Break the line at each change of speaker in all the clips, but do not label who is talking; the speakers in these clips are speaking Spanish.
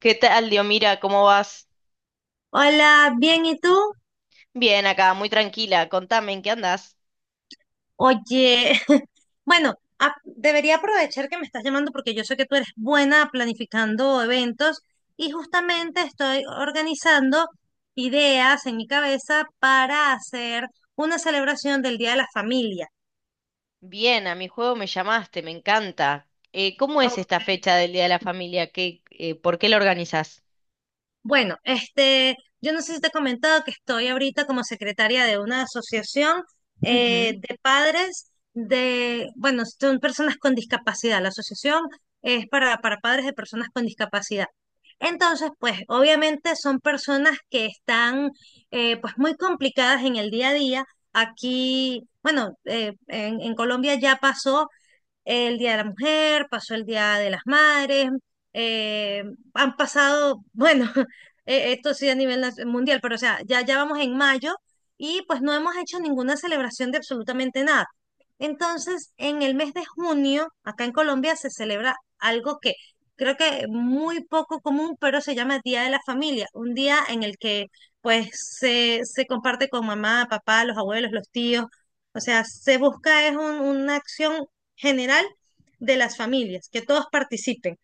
¿Qué tal, Diomira? ¿Cómo vas?
Hola, bien, ¿y tú?
Bien, acá, muy tranquila. Contame, ¿en qué andás?
Oye, bueno, debería aprovechar que me estás llamando porque yo sé que tú eres buena planificando eventos y justamente estoy organizando ideas en mi cabeza para hacer una celebración del Día de la Familia.
Bien, a mi juego me llamaste, me encanta. ¿Cómo es esta fecha del Día de la Familia? ¿Qué, por qué la organizás?
Bueno, yo no sé si te he comentado que estoy ahorita como secretaria de una asociación
Ujú.
de padres de, bueno, son personas con discapacidad. La asociación es para padres de personas con discapacidad. Entonces, pues, obviamente son personas que están, pues, muy complicadas en el día a día. Aquí, bueno, en Colombia ya pasó el Día de la Mujer, pasó el Día de las Madres, eh, han pasado, bueno, esto sí a nivel mundial, pero o sea, ya vamos en mayo y pues no hemos hecho ninguna celebración de absolutamente nada. Entonces, en el mes de junio, acá en Colombia se celebra algo que creo que muy poco común, pero se llama Día de la Familia, un día en el que pues se comparte con mamá, papá, los abuelos, los tíos. O sea, se busca es una acción general de las familias, que todos participen.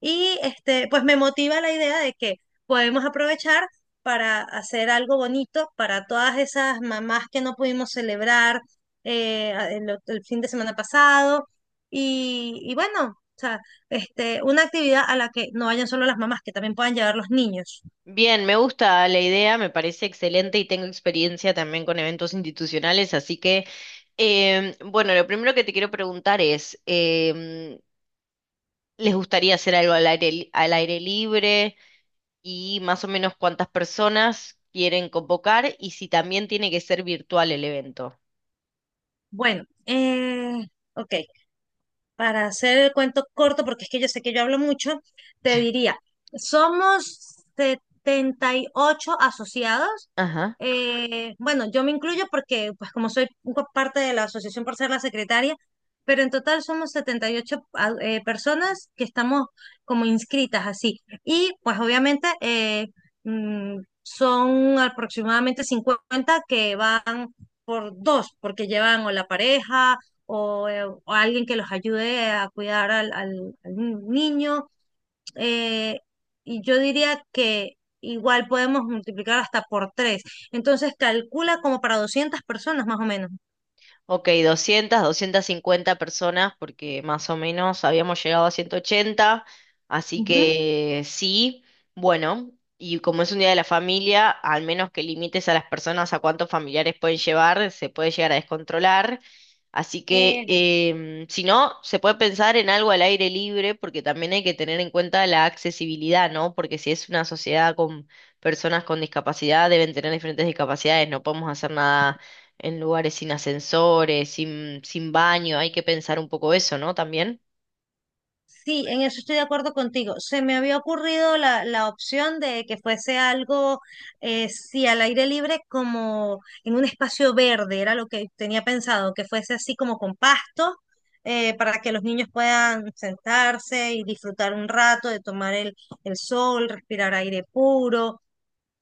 Y este, pues me motiva la idea de que podemos aprovechar para hacer algo bonito para todas esas mamás que no pudimos celebrar fin de semana pasado. Y bueno, o sea, este, una actividad a la que no vayan solo las mamás, que también puedan llevar los niños.
Bien, me gusta la idea, me parece excelente y tengo experiencia también con eventos institucionales, así que, bueno, lo primero que te quiero preguntar es, ¿les gustaría hacer algo al al aire libre? Y más o menos cuántas personas quieren convocar y si también tiene que ser virtual el evento.
Bueno, ok, para hacer el cuento corto, porque es que yo sé que yo hablo mucho, te diría, somos 78 asociados.
Ajá.
Bueno, yo me incluyo porque, pues como soy un parte de la asociación por ser la secretaria, pero en total somos 78 personas que estamos como inscritas así. Y pues obviamente son aproximadamente 50 que van por dos, porque llevan o la pareja o alguien que los ayude a cuidar al niño. eh, y yo diría que igual podemos multiplicar hasta por tres. Entonces calcula como para 200 personas más o menos.
Ok, 200 250 personas, porque más o menos habíamos llegado a 180, así
Ujú.
que sí, bueno, y como es un día de la familia, al menos que limites a las personas a cuántos familiares pueden llevar, se puede llegar a descontrolar, así que si no, se puede pensar en algo al aire libre, porque también hay que tener en cuenta la accesibilidad, ¿no? Porque si es una sociedad con personas con discapacidad, deben tener diferentes discapacidades, no podemos hacer nada en lugares sin ascensores, sin baño, hay que pensar un poco eso, ¿no? También.
Sí, en eso estoy de acuerdo contigo. Se me había ocurrido la opción de que fuese algo, sí, al aire libre, como en un espacio verde, era lo que tenía pensado, que fuese así como con pasto, para que los niños puedan sentarse y disfrutar un rato de tomar el sol, respirar aire puro.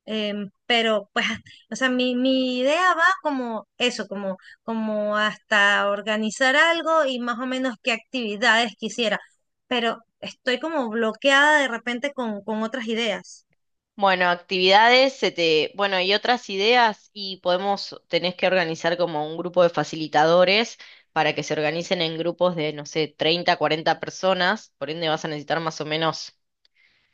Em, pero pues, o sea, mi idea va como eso, como, como hasta organizar algo y más o menos qué actividades quisiera, pero estoy como bloqueada de repente con otras ideas.
Bueno, actividades, bueno, y otras ideas, y podemos, tenés que organizar como un grupo de facilitadores para que se organicen en grupos de, no sé, 30 40 personas, por ende vas a necesitar más o menos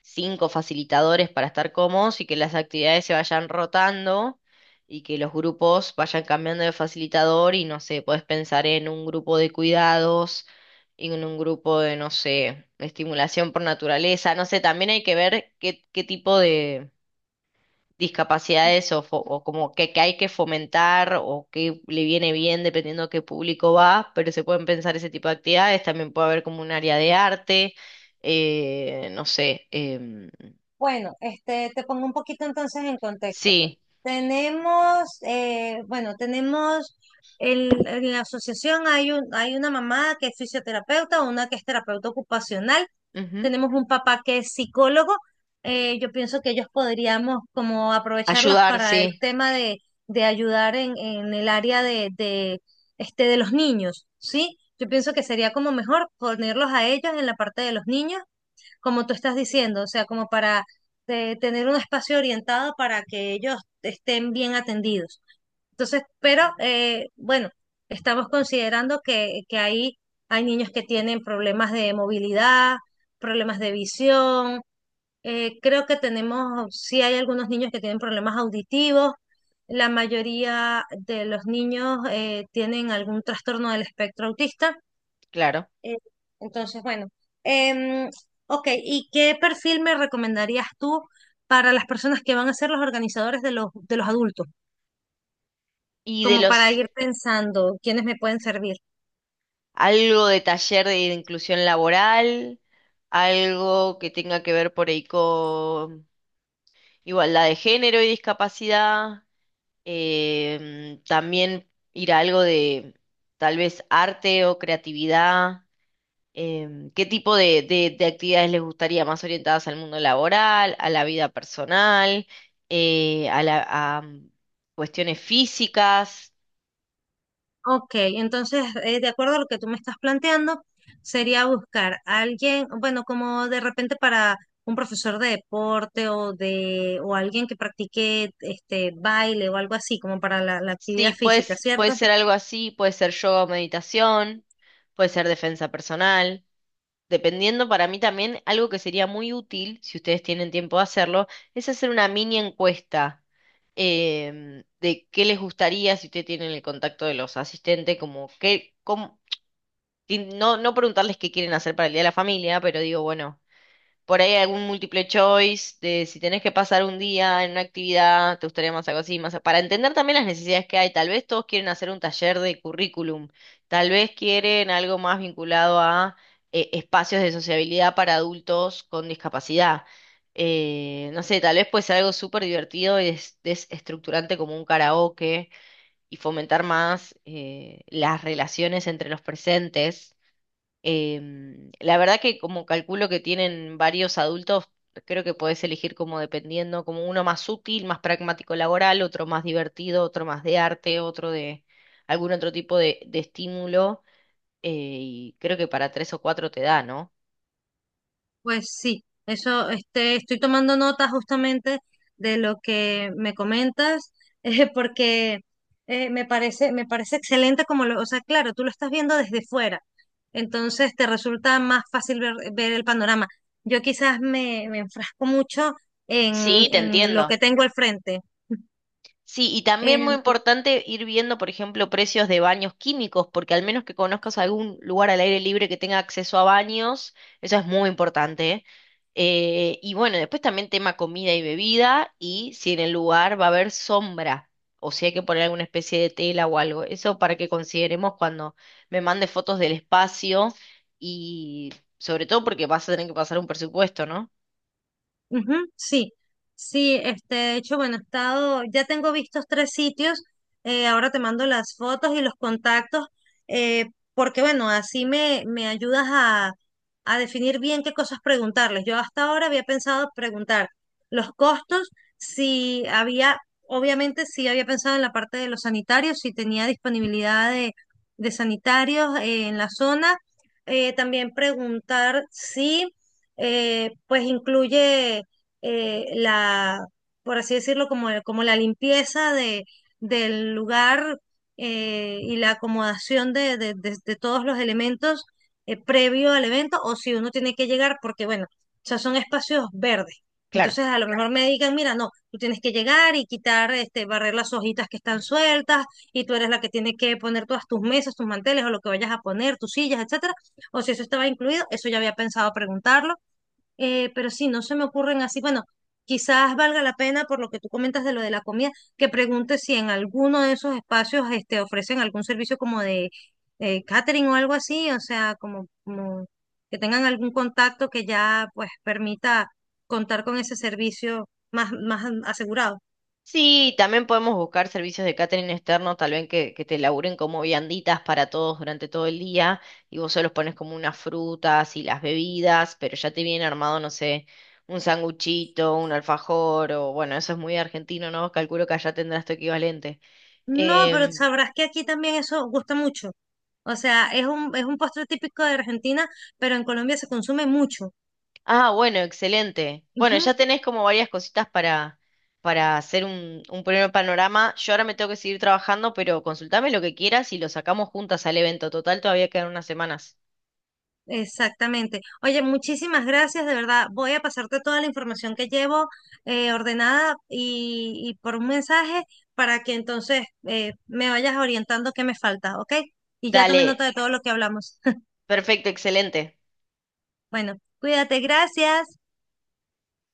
cinco facilitadores para estar cómodos y que las actividades se vayan rotando y que los grupos vayan cambiando de facilitador y no sé, podés pensar en un grupo de cuidados y en un grupo de, no sé, estimulación por naturaleza, no sé, también hay que ver qué, qué tipo de discapacidades o como que hay que fomentar o qué le viene bien dependiendo a qué público va, pero se pueden pensar ese tipo de actividades, también puede haber como un área de arte, no sé,
Bueno, este, te pongo un poquito entonces en contexto.
sí,
Tenemos, bueno, tenemos en la asociación hay un, hay una mamá que es fisioterapeuta, una que es terapeuta ocupacional,
ujú.
tenemos un papá que es psicólogo. Yo pienso que ellos podríamos como aprovecharlos
Ayudar,
para el
sí,
tema de ayudar en el área de, este, de los niños, ¿sí? Yo pienso que sería como mejor ponerlos a ellos en la parte de los niños como tú estás diciendo, o sea, como para tener un espacio orientado para que ellos estén bien atendidos. Entonces, pero bueno, estamos considerando que hay niños que tienen problemas de movilidad, problemas de visión, creo que tenemos, sí hay algunos niños que tienen problemas auditivos, la mayoría de los niños tienen algún trastorno del espectro autista.
claro.
Eh, entonces, bueno. Em, ok, ¿y qué perfil me recomendarías tú para las personas que van a ser los organizadores de los adultos?
Y de
Como para
los,
ir pensando quiénes me pueden servir.
algo de taller de inclusión laboral, algo que tenga que ver por ahí con igualdad de género y discapacidad, también ir a algo de tal vez arte o creatividad. ¿Qué tipo de, de actividades les gustaría más orientadas al mundo laboral, a la vida personal, a la, cuestiones físicas?
Ok, entonces, de acuerdo a lo que tú me estás planteando, sería buscar a alguien, bueno, como de repente para un profesor de deporte o de, o alguien que practique este baile o algo así, como para la
Sí,
actividad física,
puedes, puede
¿cierto?
ser algo así, puede ser yoga o meditación, puede ser defensa personal. Dependiendo para mí también, algo que sería muy útil, si ustedes tienen tiempo de hacerlo, es hacer una mini encuesta de qué les gustaría si ustedes tienen el contacto de los asistentes, como qué, y no, no preguntarles qué quieren hacer para el Día de la Familia, pero digo, bueno. Por ahí algún múltiple choice de si tenés que pasar un día en una actividad, te gustaría más algo así, más para entender también las necesidades que hay. Tal vez todos quieren hacer un taller de currículum, tal vez quieren algo más vinculado a espacios de sociabilidad para adultos con discapacidad. No sé, tal vez puede ser algo súper divertido y desestructurante como un karaoke y fomentar más las relaciones entre los presentes. La verdad que como calculo que tienen varios adultos, creo que podés elegir como dependiendo, como uno más útil, más pragmático laboral, otro más divertido, otro más de arte, otro de algún otro tipo de estímulo. Y creo que para tres o cuatro te da, ¿no?
Pues sí, eso este, estoy tomando nota justamente de lo que me comentas, porque me parece excelente como lo, o sea, claro, tú lo estás viendo desde fuera, entonces te resulta más fácil ver, ver el panorama. Yo quizás me, me enfrasco mucho
Sí, sí, te
en lo
entiendo.
que tengo al frente.
Sí, y también muy
em,
importante ir viendo, por ejemplo, precios de baños químicos, porque al menos que conozcas algún lugar al aire libre que tenga acceso a baños, eso es muy importante. Y bueno, después también tema comida y bebida y si en el lugar va a haber sombra o si hay que poner alguna especie de tela o algo. Eso para que consideremos cuando me mande fotos del espacio y sobre todo porque vas a tener que pasar un presupuesto, ¿no?
Ujú, sí, este, de hecho, bueno, he estado, ya tengo vistos tres sitios, ahora te mando las fotos y los contactos, eh, porque bueno, así me, me ayudas a definir bien qué cosas preguntarles. Yo hasta ahora había pensado preguntar los costos, si había, obviamente sí había pensado en la parte de los sanitarios, si tenía disponibilidad de sanitarios, en la zona. También preguntar si, pues incluye la, por así decirlo, como, como la limpieza de, del lugar y la acomodación de todos los elementos previo al evento, o si uno tiene que llegar, porque bueno, o sea, son espacios verdes.
Claro.
Entonces, a lo mejor me digan, mira, no, tú tienes que llegar y quitar, este, barrer las hojitas que están sueltas, y tú eres la que tiene que poner todas tus mesas, tus manteles, o lo que vayas a poner, tus sillas, etcétera. O si eso estaba incluido, eso ya había pensado preguntarlo. Pero sí, no se me ocurren así. Bueno, quizás valga la pena, por lo que tú comentas de lo de la comida, que pregunte si en alguno de esos espacios este, ofrecen algún servicio como de catering o algo así, o sea, como, como que tengan algún contacto que ya pues permita contar con ese servicio más, más asegurado.
Sí, también podemos buscar servicios de catering externo, tal vez que te laburen como vianditas para todos durante todo el día y vos se los pones como unas frutas y las bebidas, pero ya te viene armado, no sé, un sanguchito, un alfajor o bueno, eso es muy argentino, ¿no? Calculo que allá tendrás tu equivalente.
No, pero
Em,
sabrás que aquí también eso gusta mucho. O sea, es un postre típico de Argentina, pero en Colombia se consume mucho.
ah, bueno, excelente. Bueno,
Ujú.
ya tenés como varias cositas para hacer un primer panorama. Yo ahora me tengo que seguir trabajando, pero consultame lo que quieras y lo sacamos juntas al evento. Total, todavía quedan unas semanas.
Exactamente. Oye, muchísimas gracias, de verdad. Voy a pasarte toda la información que llevo ordenada y por un mensaje para que entonces me vayas orientando qué me falta, ¿ok? Y ya tomé nota
Dale,
de todo lo que hablamos.
perfecto, excelente.
Bueno, cuídate, gracias.